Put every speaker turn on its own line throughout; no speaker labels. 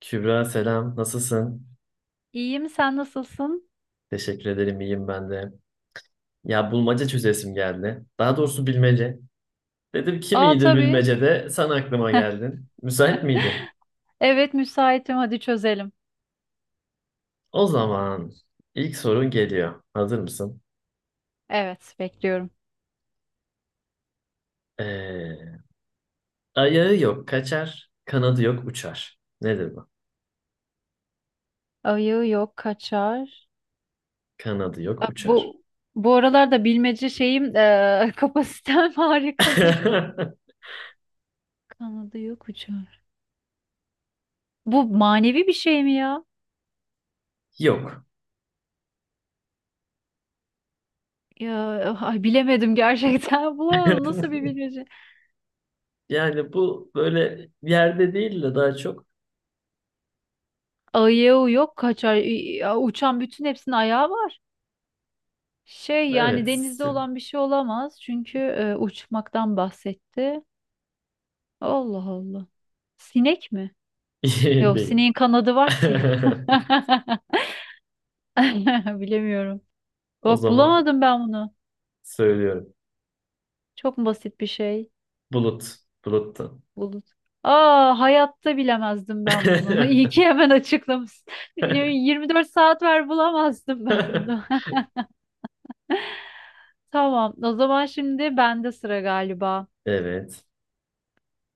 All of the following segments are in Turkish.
Kübra selam, nasılsın?
İyiyim, sen nasılsın?
Teşekkür ederim, iyiyim ben de. Ya bulmaca çözesim geldi. Daha doğrusu bilmece. Dedim kim
Aa,
iyidir
tabii.
bilmecede sen aklıma geldin. Müsait miydin?
Evet, müsaitim. Hadi çözelim.
O zaman ilk sorun geliyor. Hazır mısın?
Evet, bekliyorum.
Ee, Ayağı yok kaçar, kanadı yok uçar. Nedir bu?
Ayı yok kaçar.
Kanadı yok
Bak,
uçar.
Bu bu aralarda bilmece şeyim, kapasitem harikadır. Kanadı yok uçar. Bu manevi bir şey mi ya?
Yok.
Ya, ay, bilemedim gerçekten. Bulamadım. Nasıl bir bilmece?
Yani bu böyle yerde değil de daha çok
Ayağı yok kaçar. Ya, uçan bütün hepsinin ayağı var. Şey, yani
evet.
denizde olan bir şey olamaz. Çünkü uçmaktan bahsetti. Allah Allah. Sinek mi? Yok,
Değil.
sineğin kanadı var ki. Bilemiyorum.
O
Bak,
zaman
bulamadım ben bunu.
söylüyorum.
Çok basit bir şey.
Bulut. Buluttu.
Bulut. Aa, hayatta bilemezdim ben bunu. İyi ki hemen açıklamışsın. 24 saat ver, bulamazdım ben bunu. Tamam. O zaman şimdi bende sıra galiba.
Evet.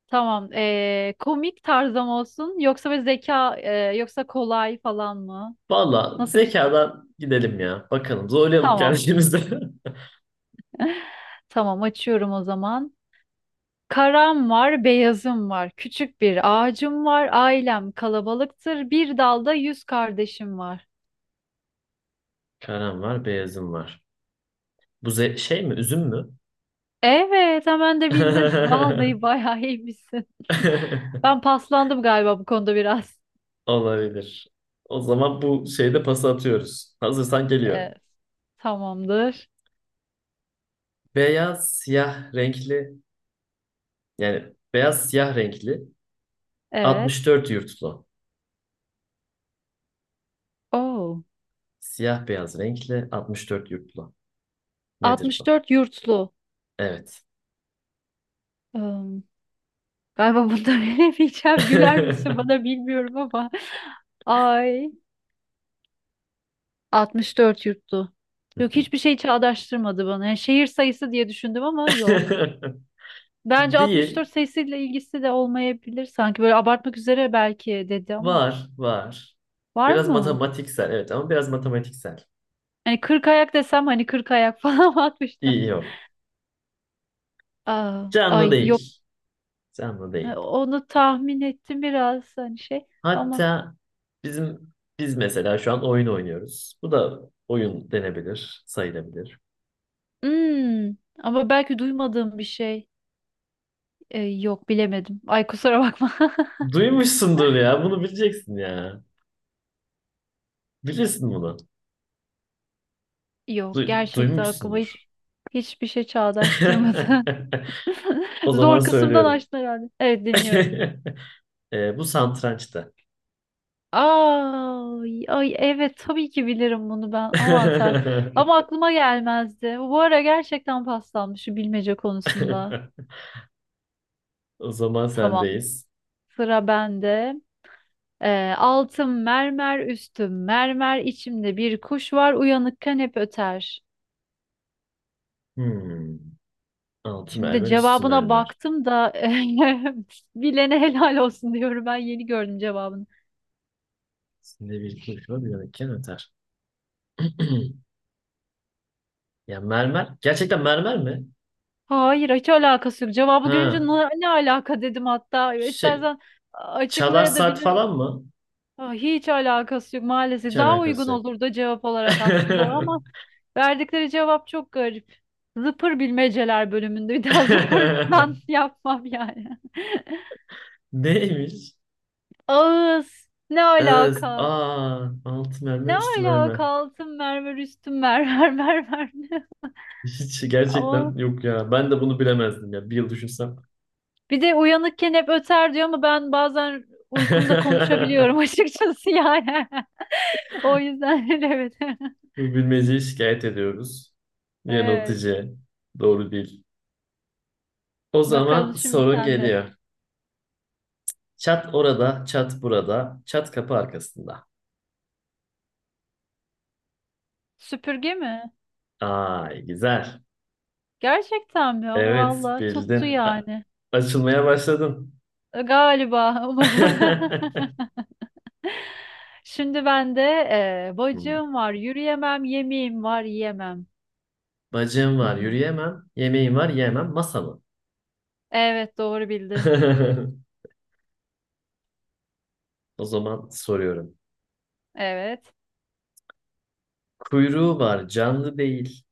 Tamam. Komik tarzım olsun. Yoksa bir zeka, yoksa kolay falan mı?
Valla
Nasıl bir şey?
zekadan gidelim ya. Bakalım zorlayalım
Tamam.
kendimizi.
Tamam, açıyorum o zaman. Karam var, beyazım var. Küçük bir ağacım var. Ailem kalabalıktır. Bir dalda yüz kardeşim var.
Karam var, beyazım var. Bu şey mi, üzüm mü?
Evet, hemen de bildin. Vallahi bayağı iyiymişsin. Ben paslandım galiba bu konuda biraz.
Olabilir. O zaman bu şeyde pas atıyoruz. Hazırsan geliyor.
Ee, Tamamdır.
Beyaz, siyah renkli, yani beyaz siyah renkli
Evet.
64 yurtlu.
Oo.
Siyah beyaz renkli 64 yurtlu. Nedir bu?
64 yurtlu.
Evet.
Im, Galiba bunları bilemeyeceğim. Güler misin bana bilmiyorum ama. Ay. 64 yuttu. Yok, hiçbir şey çağdaştırmadı bana. Yani şehir sayısı diye düşündüm ama yok. Bence
Değil.
64 sayısıyla ilgisi de olmayabilir sanki. Böyle abartmak üzere belki dedi ama.
Var, var.
Var
Biraz
mı?
matematiksel, evet ama biraz matematiksel.
Hani 40 ayak desem, hani 40 ayak falan mı atmışlar?
İyi yok.
Aa, ay
Canlı
yok.
değil. Canlı
E,
değil.
onu tahmin ettim biraz, hani şey ama
Hatta biz mesela şu an oyun oynuyoruz. Bu da oyun denebilir, sayılabilir.
Hmm, ama belki duymadığım bir şey. E, yok bilemedim. Ay kusura bakma.
Duymuşsundur ya, bunu bileceksin ya. Bilirsin bunu.
Yok, gerçekten aklıma
Duymuşsundur.
hiçbir şey çağdaştırmadı.
O zaman
Zor kısımdan
söylüyorum.
açtın herhalde. Evet, dinliyorum.
Bu satrançtı.
Ay, ay evet tabii ki bilirim bunu ben. Aman Tanrım. Ama aklıma gelmezdi. Bu ara gerçekten paslanmış şu bilmece konusunda.
O zaman
Tamam.
sendeyiz.
Sıra bende. Altım mermer, üstüm mermer, içimde bir kuş var, uyanıkken hep öter.
Hmm. Altı
Şimdi
mermer, üstü
cevabına
mermer.
baktım da bilene helal olsun diyorum. Ben yeni gördüm cevabını.
Üstünde bir kuş var, yanıkken öter. Ya mermer. Gerçekten mermer mi?
Hayır, hiç alakası yok. Cevabı görünce
Ha.
ne alaka dedim hatta.
Şey.
İstersen
Çalar saat
açıklayabilirim.
falan mı?
Aa, hiç alakası yok
Hiç
maalesef. Daha uygun
alakası yok.
olurdu cevap olarak aslında o ama verdikleri cevap çok garip. Zıpır bilmeceler bölümünde. Bir daha zıpırdan yapmam yani.
Neymiş?
Ağız. Ne
Evet.
alaka?
Aa, altı mermer,
Ne
üstü mermer.
alaka, altın mermer, üstün mermer mermer.
Hiç gerçekten yok ya. Ben de bunu bilemezdim ya. Bir yıl düşünsem.
Bir de uyanıkken hep öter diyor ama ben bazen uykumda konuşabiliyorum açıkçası yani. O yüzden evet.
Bu bilmeceyi şikayet ediyoruz.
Evet.
Yanıltıcı. Doğru değil. O
Bakalım,
zaman
şimdi
sorun
sende.
geliyor. Çat orada, çat burada, çat kapı arkasında.
Süpürge mi?
Ay güzel.
Gerçekten mi?
Evet
Vallahi tuttu
bildin.
yani.
Açılmaya başladım.
Galiba umarım. Şimdi bende,
Hmm.
bacağım var, yürüyemem, yemeğim var, yiyemem.
Bacağım var
Hmm.
yürüyemem. Yemeğim var yemem. Masa mı?
Evet, doğru bildin.
O zaman soruyorum.
Evet.
Kuyruğu var canlı değil.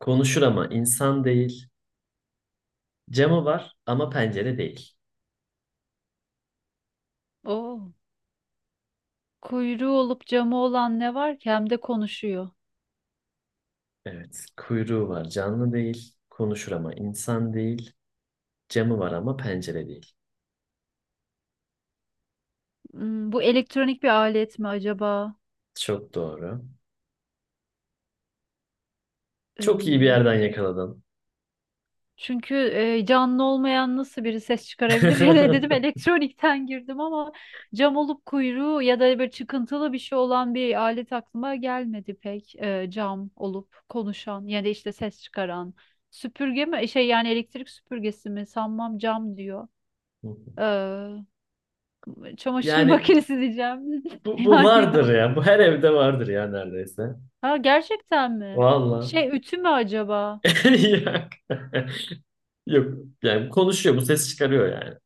Konuşur ama insan değil. Camı var ama pencere değil.
Oo. Kuyruğu olup camı olan ne var ki hem de konuşuyor.
Evet kuyruğu var canlı değil. Konuşur ama insan değil. Camı var ama pencere değil.
Hmm, bu elektronik bir alet mi acaba?
Çok doğru. Çok iyi bir
Ee,
yerden yakaladın.
Çünkü canlı olmayan nasıl biri ses çıkarabilir? Ya, dedim elektronikten girdim ama cam olup kuyruğu ya da böyle çıkıntılı bir şey olan bir alet aklıma gelmedi pek. Cam olup konuşan ya da işte ses çıkaran. Süpürge mi? Şey, yani elektrik süpürgesi mi? Sanmam, cam diyor. Ee, Çamaşır
Yani
makinesi diyeceğim.
bu
Yani
vardır
o.
ya. Bu her evde vardır ya neredeyse.
Ha gerçekten mi?
Valla.
Şey, ütü mü acaba?
Yok. Yok. Yani konuşuyor. Bu ses çıkarıyor yani.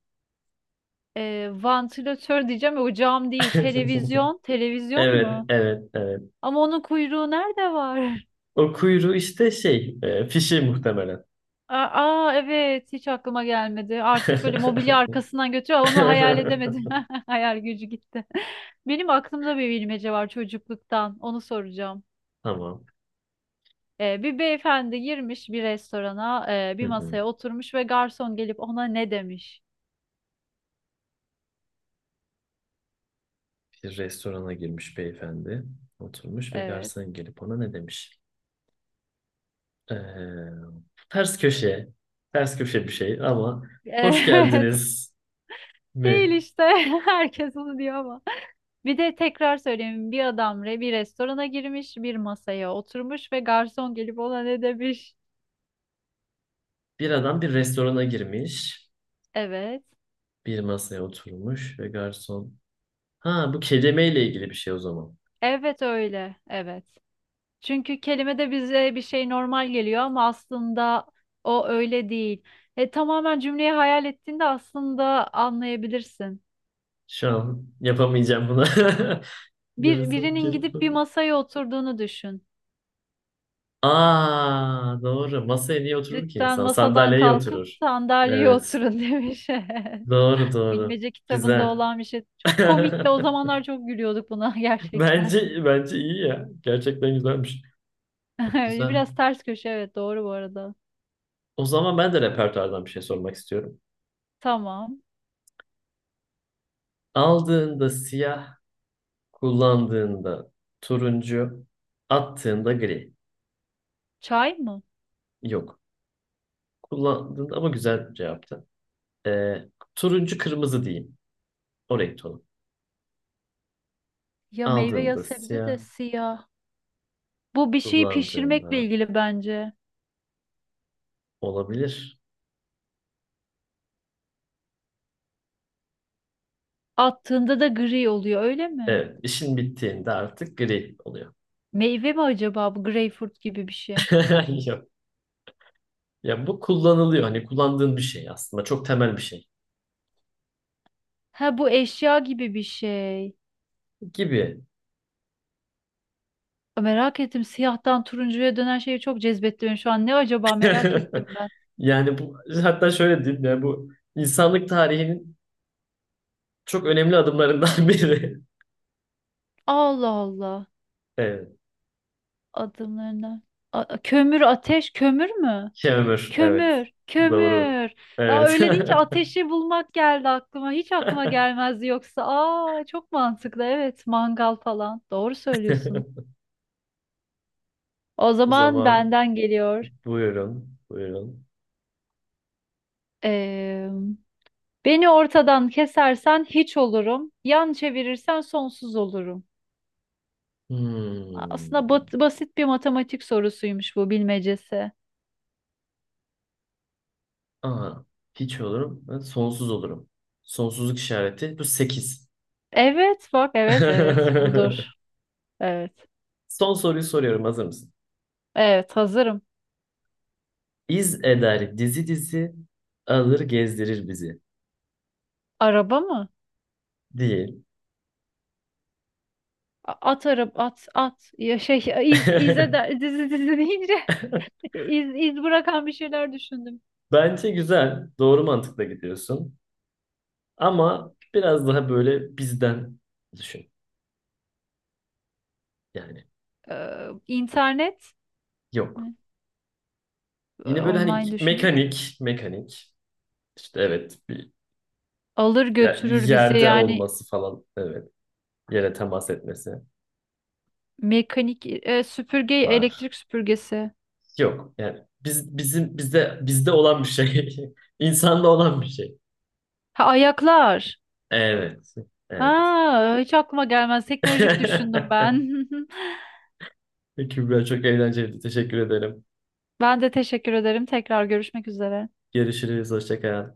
E, vantilatör diyeceğim. O cam değil. Televizyon. Televizyon
Evet,
mu?
evet, evet.
Ama onun kuyruğu nerede var?
O kuyruğu işte şey, fişi muhtemelen.
Aa, aa, evet hiç aklıma gelmedi. Artık böyle mobilya arkasından götürüyor. Onu hayal edemedim. Hayal gücü gitti. Benim aklımda bir bilmece var çocukluktan. Onu soracağım.
Tamam.
Bir beyefendi girmiş bir restorana,
Hı
bir
hı.
masaya oturmuş ve garson gelip ona ne demiş?
Bir restorana girmiş beyefendi. Oturmuş ve
Evet.
garson gelip ona ne demiş? Ee, Ters köşe, ters köşe bir şey ama hoş
Evet.
geldiniz
Değil
mi?
işte. Herkes onu diyor ama. Bir de tekrar söyleyeyim, bir adam bir restorana girmiş, bir masaya oturmuş ve garson gelip ona ne demiş?
Bir adam bir restorana girmiş,
Evet.
bir masaya oturmuş ve garson. Ha bu kelimeyle ilgili bir şey o zaman.
Evet öyle. Evet. Çünkü kelime de bize bir şey normal geliyor ama aslında o öyle değil. E, tamamen cümleyi hayal ettiğinde aslında anlayabilirsin.
Şu an yapamayacağım buna. Garson
Birinin
gelip
gidip bir masaya oturduğunu düşün.
aa doğru. Masaya niye oturur ki
Lütfen
insan?
masadan
Sandalyeye
kalkıp
oturur.
sandalyeye
Evet.
oturun demiş. Evet.
Doğru doğru.
Bilmece kitabında
Güzel.
olan bir şey. Çok komikti. O zamanlar çok gülüyorduk buna gerçekten.
Bence iyi ya. Gerçekten güzelmiş. Güzel.
Biraz ters köşe evet, doğru bu arada.
O zaman ben de repertuardan bir şey sormak istiyorum.
Tamam.
Aldığında siyah, kullandığında turuncu, attığında gri.
Çay mı?
Yok. Kullandığında ama güzel cevaptı. Ee, Turuncu kırmızı diyeyim. O renk tonu.
Ya meyve ya
Aldığında
sebze
siyah,
de siyah. Bu bir şeyi pişirmekle
kullandığında
ilgili bence.
olabilir.
Attığında da gri oluyor, öyle mi?
Evet, işin bittiğinde artık gri oluyor.
Meyve mi acaba bu, greyfurt gibi bir şey?
Yok. Ya bu kullanılıyor. Hani kullandığın bir şey aslında. Çok temel bir şey.
Ha, bu eşya gibi bir şey.
Gibi.
Merak ettim, siyahtan turuncuya dönen şeyi çok cezbetti beni şu an. Ne acaba, merak ettim ben.
Yani bu, hatta şöyle diyeyim ya, bu insanlık tarihinin çok önemli adımlarından biri.
Allah Allah.
Evet.
Adımlarına. Kömür, ateş, kömür mü?
Kemür. Evet.
Kömür,
Doğru.
kömür. Ya
Evet.
öyle deyince ateşi bulmak geldi aklıma. Hiç aklıma gelmezdi yoksa. Aa, çok mantıklı. Evet, mangal falan. Doğru söylüyorsun. O
O
zaman
zaman
benden geliyor.
buyurun. Buyurun.
Ee, Beni ortadan kesersen hiç olurum. Yan çevirirsen sonsuz olurum.
Hmm.
Aslında basit bir matematik sorusuymuş bu bilmecesi.
Aa, hiç olurum. Ben sonsuz olurum. Sonsuzluk işareti. Bu 8.
Evet, bak, evet evet, budur. Evet.
Son soruyu soruyorum. Hazır mısın?
Evet, hazırım.
İz eder dizi dizi alır gezdirir bizi.
Araba mı?
Değil.
A- At araba at at ya şey, iz izle de, dizi dizi deyince iz bırakan bir şeyler düşündüm.
Bence güzel. Doğru mantıkla gidiyorsun. Ama biraz daha böyle bizden düşün. Yani
Ee, internet
yok.
ne?
Yine böyle hani
Online düşün.
mekanik, mekanik. İşte evet bir
Alır götürür bizi,
yerde
yani
olması falan. Evet. Yere temas etmesi
mekanik, süpürge,
var.
elektrik süpürgesi.
Yok. Yani bizim bizde olan bir şey. İnsanda olan bir şey.
Ha, ayaklar.
Evet. Evet.
Ha, hiç aklıma gelmez. Teknolojik düşündüm ben.
Kübra çok eğlenceliydi. Teşekkür ederim.
Ben de teşekkür ederim. Tekrar görüşmek üzere.
Görüşürüz. Hoşça kal.